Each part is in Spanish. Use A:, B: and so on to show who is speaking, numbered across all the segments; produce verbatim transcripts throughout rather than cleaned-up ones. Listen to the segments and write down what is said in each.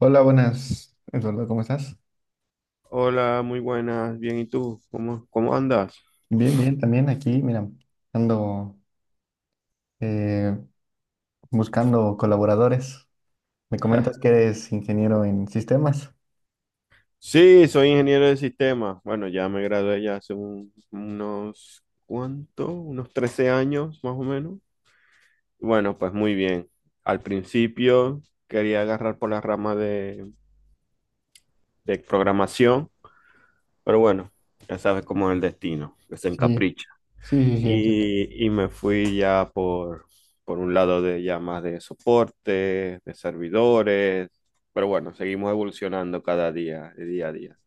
A: Hola, buenas, Eduardo, ¿cómo estás?
B: Hola, muy buenas, bien, ¿y tú? ¿Cómo, cómo andas?
A: Bien, bien, también aquí, mira, ando eh, buscando colaboradores. Me comentas que eres ingeniero en sistemas.
B: Sí, soy ingeniero de sistemas. Bueno, ya me gradué ya hace un- unos, ¿cuánto? Unos trece años, más o menos. Bueno, pues muy bien. Al principio quería agarrar por la rama de, de programación, pero bueno, ya sabes cómo es el destino, que se
A: Sí,
B: encapricha.
A: sí, sí, sí, entiendo.
B: Y, y me fui ya por, por un lado de ya más de soporte, de servidores, pero bueno, seguimos evolucionando cada día, de día a día.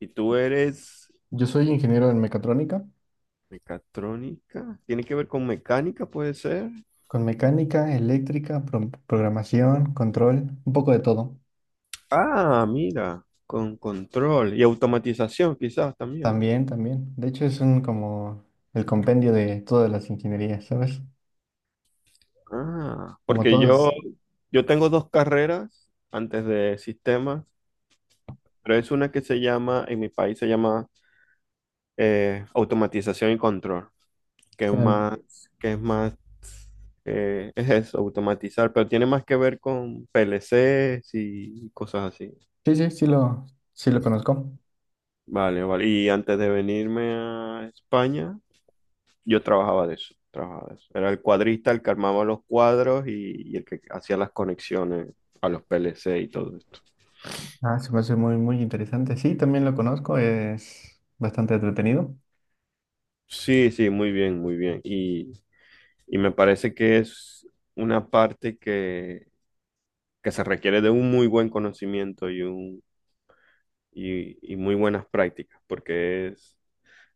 B: ¿Y tú eres
A: Yo soy ingeniero en mecatrónica.
B: mecatrónica? ¿Tiene que ver con mecánica, puede ser?
A: Con mecánica, eléctrica, pro- programación, control, un poco de todo.
B: Ah, mira, con control y automatización quizás también.
A: También, también. De hecho, es un como el compendio de todas las ingenierías, ¿sabes?
B: Ah,
A: Como
B: porque yo,
A: todos.
B: yo tengo dos carreras antes de sistemas, pero es una que se llama, en mi país se llama eh, automatización y control. que es más, que es más, eh, es eso, automatizar, pero tiene más que ver con P L Cs y cosas así.
A: Sí, sí, sí lo, sí lo conozco.
B: Vale, vale. Y antes de venirme a España, yo trabajaba de eso, trabajaba de eso. Era el cuadrista el que armaba los cuadros y, y el que hacía las conexiones a los P L C y todo esto.
A: Ah, se me hace muy, muy interesante. Sí, también lo conozco, es bastante entretenido.
B: Sí, sí, muy bien, muy bien. Y, y me parece que es una parte que, que se requiere de un muy buen conocimiento y un y, y muy buenas prácticas, porque es,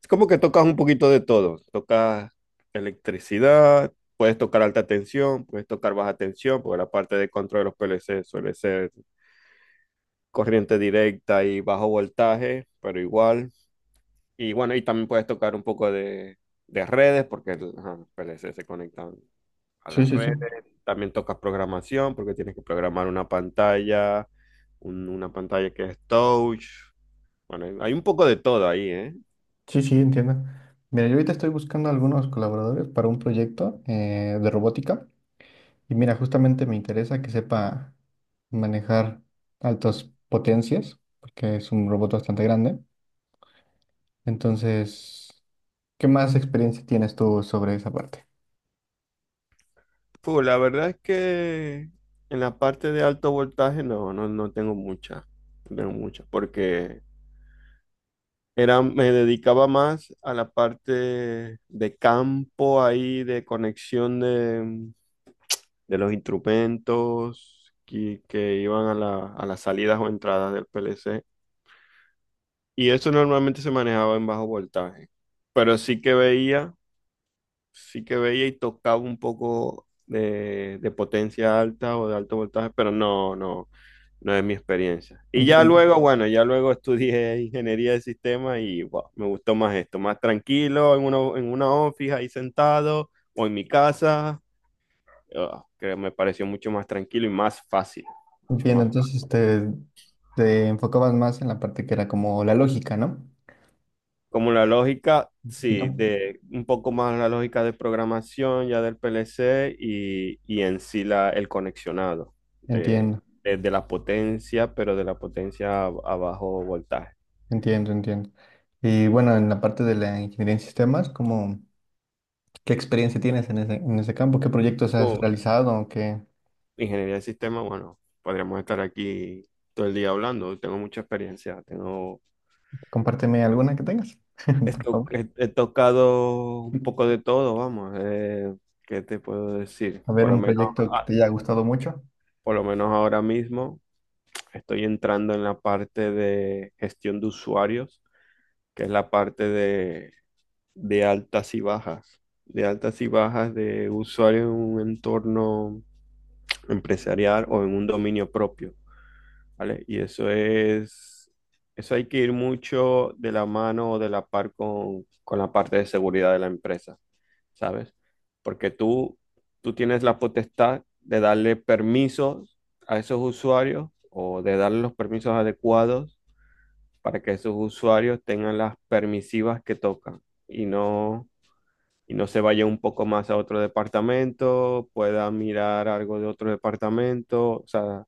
B: es como que tocas un poquito de todo. Tocas electricidad, puedes tocar alta tensión, puedes tocar baja tensión, porque la parte de control de los P L C suele ser corriente directa y bajo voltaje, pero igual. Y bueno, y también puedes tocar un poco de, de redes, porque ajá, los P L C se conectan a
A: Sí,
B: las
A: sí, sí.
B: redes. También tocas programación, porque tienes que programar una pantalla, un- una pantalla que es touch, bueno, hay hay un poco de todo ahí, ¿eh?
A: Sí, sí, entiendo. Mira, yo ahorita estoy buscando algunos colaboradores para un proyecto eh, de robótica y mira, justamente me interesa que sepa manejar altas potencias, porque es un robot bastante grande. Entonces, ¿qué más experiencia tienes tú sobre esa parte?
B: Pues la verdad es que en la parte de alto voltaje no, no, no tengo mucha, no tengo mucha, porque era, me dedicaba más a la parte de campo ahí, de conexión de, de los instrumentos que, que iban a la- a las salidas o entradas del P L C. Y eso normalmente se manejaba en bajo voltaje, pero sí que veía sí que veía y tocaba un poco de, de potencia alta o de alto voltaje, pero no, no, no es mi experiencia. Y ya
A: Entiendo.
B: luego, bueno, ya luego estudié ingeniería de sistemas y wow, me gustó más esto, más tranquilo, en una, en una office ahí sentado o en mi casa, ah, que me pareció mucho más tranquilo y más fácil, mucho
A: Entiendo,
B: más.
A: entonces te, te enfocabas más en la parte que era como la lógica, ¿no?
B: Como la lógica,
A: Un
B: sí,
A: poquito.
B: de un poco más la lógica de programación ya del P L C y, y en sí la, el conexionado de,
A: Entiendo.
B: de- de la potencia, pero de la potencia a, a bajo voltaje.
A: Entiendo, entiendo. Y bueno, en la parte de la ingeniería en sistemas, ¿cómo, ¿qué experiencia tienes en ese, en ese campo? ¿Qué proyectos has
B: O
A: realizado? ¿Qué,
B: ingeniería de sistema, bueno, podríamos estar aquí todo el día hablando. Tengo mucha experiencia, tengo,
A: compárteme alguna que tengas,
B: he,
A: por
B: to-
A: favor.
B: he- he tocado un poco de todo, vamos. Eh, ¿qué te puedo decir?
A: A ver,
B: Por lo
A: un
B: menos,
A: proyecto que
B: ah,
A: te haya gustado mucho.
B: por lo menos ahora mismo. Estoy entrando en la parte de gestión de usuarios, que es la parte de, de altas y bajas, de altas y bajas de usuarios en un entorno empresarial o en un dominio propio, ¿vale? Y eso es, eso hay que ir mucho de la mano o de la par con, con la parte de seguridad de la empresa, ¿sabes? Porque tú, tú tienes la potestad de darle permisos a esos usuarios o de darle los permisos adecuados para que esos usuarios tengan las permisivas que tocan y no, y no se vaya un poco más a otro departamento, pueda mirar algo de otro departamento. O sea,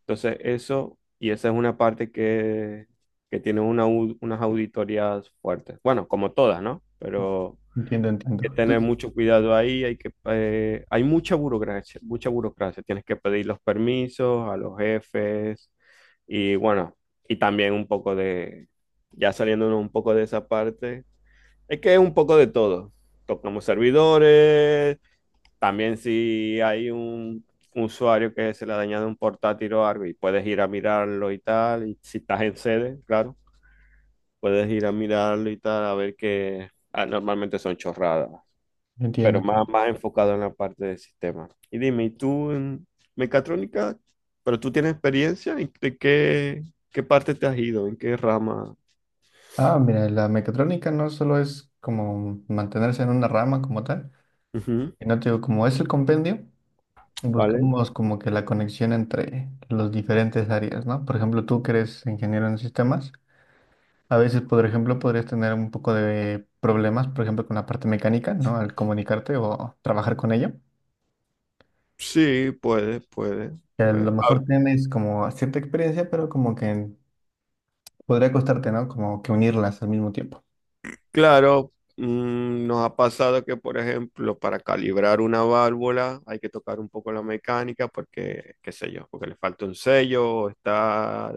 B: entonces eso, y esa es una parte que, que tiene una, au- unas auditorías fuertes. Bueno, como todas, ¿no? Pero
A: Entiendo, entiendo.
B: que tener
A: Entonces,
B: mucho cuidado ahí, hay que, eh, hay mucha burocracia, mucha burocracia, tienes que pedir los permisos a los jefes y bueno, y también un poco de, ya saliéndonos un poco de esa parte, es que es un poco de todo, tocamos servidores, también si hay un usuario que se le ha dañado un portátil o algo y puedes ir a mirarlo y tal, y si estás en sede, claro, puedes ir a mirarlo y tal, a ver que ah, normalmente son chorradas,
A: entiendo.
B: pero más,
A: Entiendo.
B: más enfocado en la parte de sistemas. Y dime, ¿y tú en mecatrónica, pero tú tienes experiencia? ¿En de qué, qué parte te has ido? ¿En qué rama?
A: Ah, mira, la mecatrónica no solo es como mantenerse en una rama como tal,
B: Ujú.
A: sino te digo, como es el compendio,
B: ¿Vale?
A: buscamos como que la conexión entre los diferentes áreas, ¿no? Por ejemplo, tú que eres ingeniero en sistemas. A veces, por ejemplo, podrías tener un poco de problemas, por ejemplo, con la parte mecánica, ¿no? Al comunicarte o trabajar con ella.
B: Sí, puede, puede,
A: Que a
B: puede.
A: lo mejor tienes como cierta experiencia, pero como que podría costarte, ¿no? Como que unirlas al mismo tiempo.
B: Claro, mm, nos ha pasado que, por ejemplo, para calibrar una válvula hay que tocar un poco la mecánica porque, qué sé yo, porque le falta un sello, o está,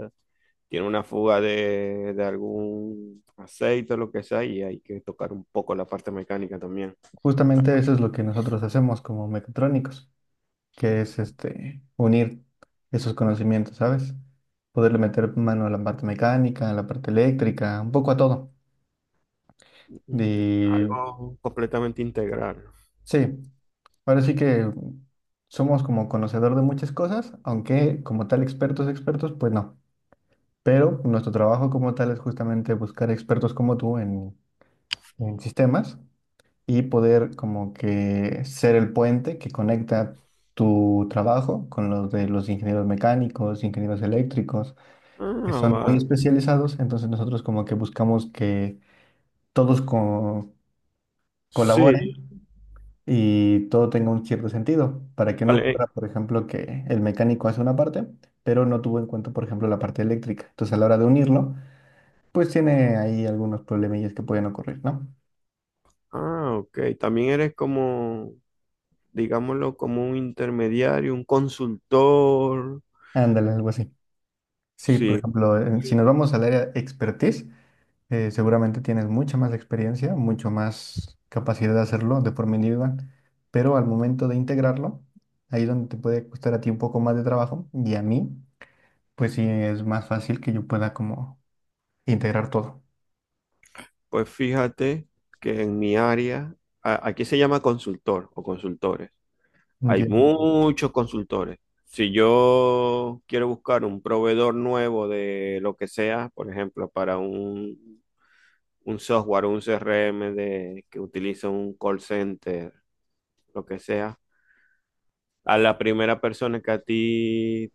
B: tiene una fuga de, de algún aceite o lo que sea, y hay que tocar un poco la parte mecánica también.
A: Justamente eso es lo que nosotros hacemos como mecatrónicos, que es este, unir esos conocimientos, ¿sabes? Poderle meter mano a la parte mecánica, a la parte eléctrica, un poco a todo.
B: Entonces,
A: Y
B: algo completamente integral.
A: sí. Ahora sí que somos como conocedor de muchas cosas, aunque como tal expertos, expertos, pues no. Pero nuestro trabajo como tal es justamente buscar expertos como tú en, en sistemas y poder como que ser el puente que conecta tu trabajo con los de los ingenieros mecánicos, ingenieros eléctricos, que
B: Ah,
A: son muy
B: vale.
A: especializados. Entonces nosotros como que buscamos que todos co-
B: Sí,
A: colaboren y todo tenga un cierto sentido, para que no
B: vale.
A: ocurra, por ejemplo, que el mecánico hace una parte, pero no tuvo en cuenta, por ejemplo, la parte eléctrica. Entonces, a la hora de unirlo, pues tiene ahí algunos problemillas que pueden ocurrir, ¿no?
B: Ah, ok. También eres como, digámoslo, como un intermediario, un consultor.
A: Ándale, algo así. Sí, por
B: Sí,
A: ejemplo, en- si nos vamos al área expertise, eh, seguramente tienes mucha más experiencia, mucho más capacidad de hacerlo de forma individual, pero al momento de integrarlo, ahí donde te puede costar a ti un poco más de trabajo y a mí, pues sí es más fácil que yo pueda como integrar todo.
B: pues fíjate que en mi área, a- aquí se llama consultor o consultores. Hay
A: Entiendo,
B: muchos consultores. Si yo quiero buscar un proveedor nuevo de lo que sea, por ejemplo, para un, un software, un C R M de, que utiliza un call center, lo que sea. A la primera persona que a ti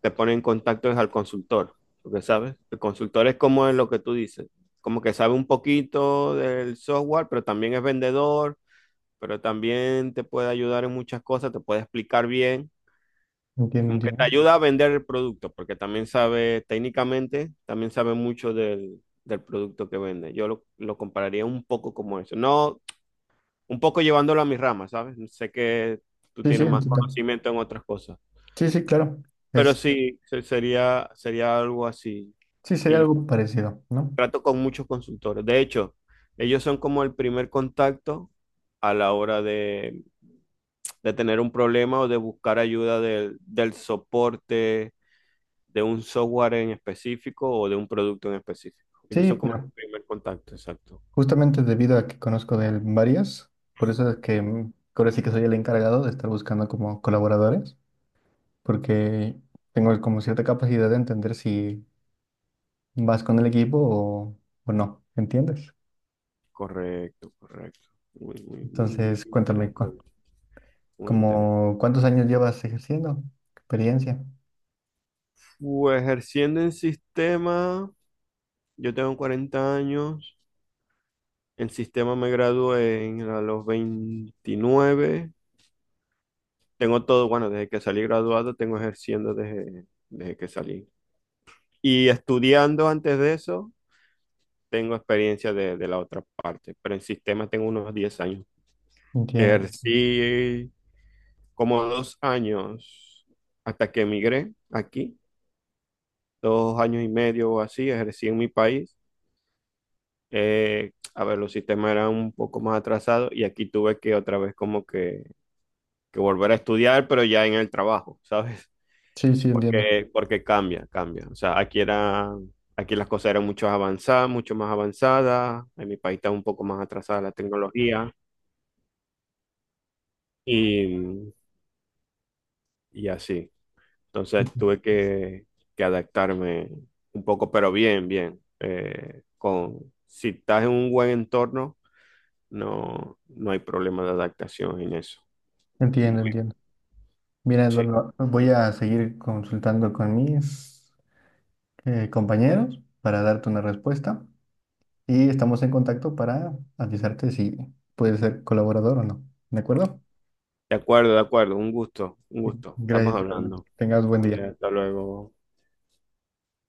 B: te pone en contacto es al consultor, porque sabes, el consultor es como es lo que tú dices, como que sabe un poquito del software, pero también es vendedor, pero también te puede ayudar en muchas cosas, te puede explicar bien,
A: entiendo,
B: como que
A: entiendo.
B: te ayuda a vender el producto, porque también sabe técnicamente, también sabe mucho del, del producto que vende. Yo lo, lo compararía un poco como eso, no un poco llevándolo a mis ramas, ¿sabes? Sé que tú
A: Sí, sí,
B: tienes más
A: entiendo.
B: conocimiento en otras cosas.
A: Sí, sí, claro.
B: Pero
A: Es,
B: sí, se- sería, sería algo así.
A: sí, sería
B: Y
A: algo parecido, ¿no?
B: trato con muchos consultores. De hecho, ellos son como el primer contacto a la hora de, de tener un problema o de buscar ayuda del, del soporte de un software en específico o de un producto en específico. Ellos
A: Sí,
B: son como el
A: pero
B: primer contacto, exacto.
A: justamente debido a que conozco de él varias, por eso es que mm, ahora sí que soy el encargado de estar buscando como colaboradores, porque tengo como cierta capacidad de entender si vas con el equipo o, o no, ¿entiendes?
B: Correcto, correcto. Muy, muy, muy, muy
A: Entonces, cuéntame, cu-
B: interesante. Muy interesante.
A: como, ¿cuántos años llevas ejerciendo? Experiencia.
B: Pues ejerciendo en sistema. Yo tengo cuarenta años, en sistema me gradué en- a los veintinueve. Tengo todo, bueno, desde que salí graduado, tengo ejerciendo desde, desde que salí. Y estudiando antes de eso, tengo experiencia de, de la otra parte, pero en sistema tengo unos diez años.
A: Entiendo.
B: Ejercí como dos años hasta que emigré aquí, dos años y medio o así, ejercí en mi país. Eh, a ver, los sistemas eran un poco más atrasados y aquí tuve que otra vez como que que volver a estudiar, pero ya en el trabajo, ¿sabes?
A: Sí, sí, entiendo.
B: Porque, porque cambia, cambia. O sea, aquí era, aquí las cosas eran mucho avanzadas, mucho más avanzadas. En mi país está un poco más atrasada la tecnología y, y así. Entonces tuve que, que adaptarme un poco, pero bien, bien. Eh, con, si estás en un buen entorno, no, no hay problema de adaptación en eso.
A: Entiendo,
B: Muy,
A: entiendo. Mira,
B: sí.
A: Eduardo, voy a seguir consultando con mis eh, compañeros para darte una respuesta y estamos en contacto para avisarte si puedes ser colaborador o no. ¿De acuerdo?
B: De acuerdo, de acuerdo. Un gusto, un
A: Sí.
B: gusto. Estamos
A: Gracias, igualmente.
B: hablando.
A: Tengas buen
B: Vale,
A: día.
B: hasta luego.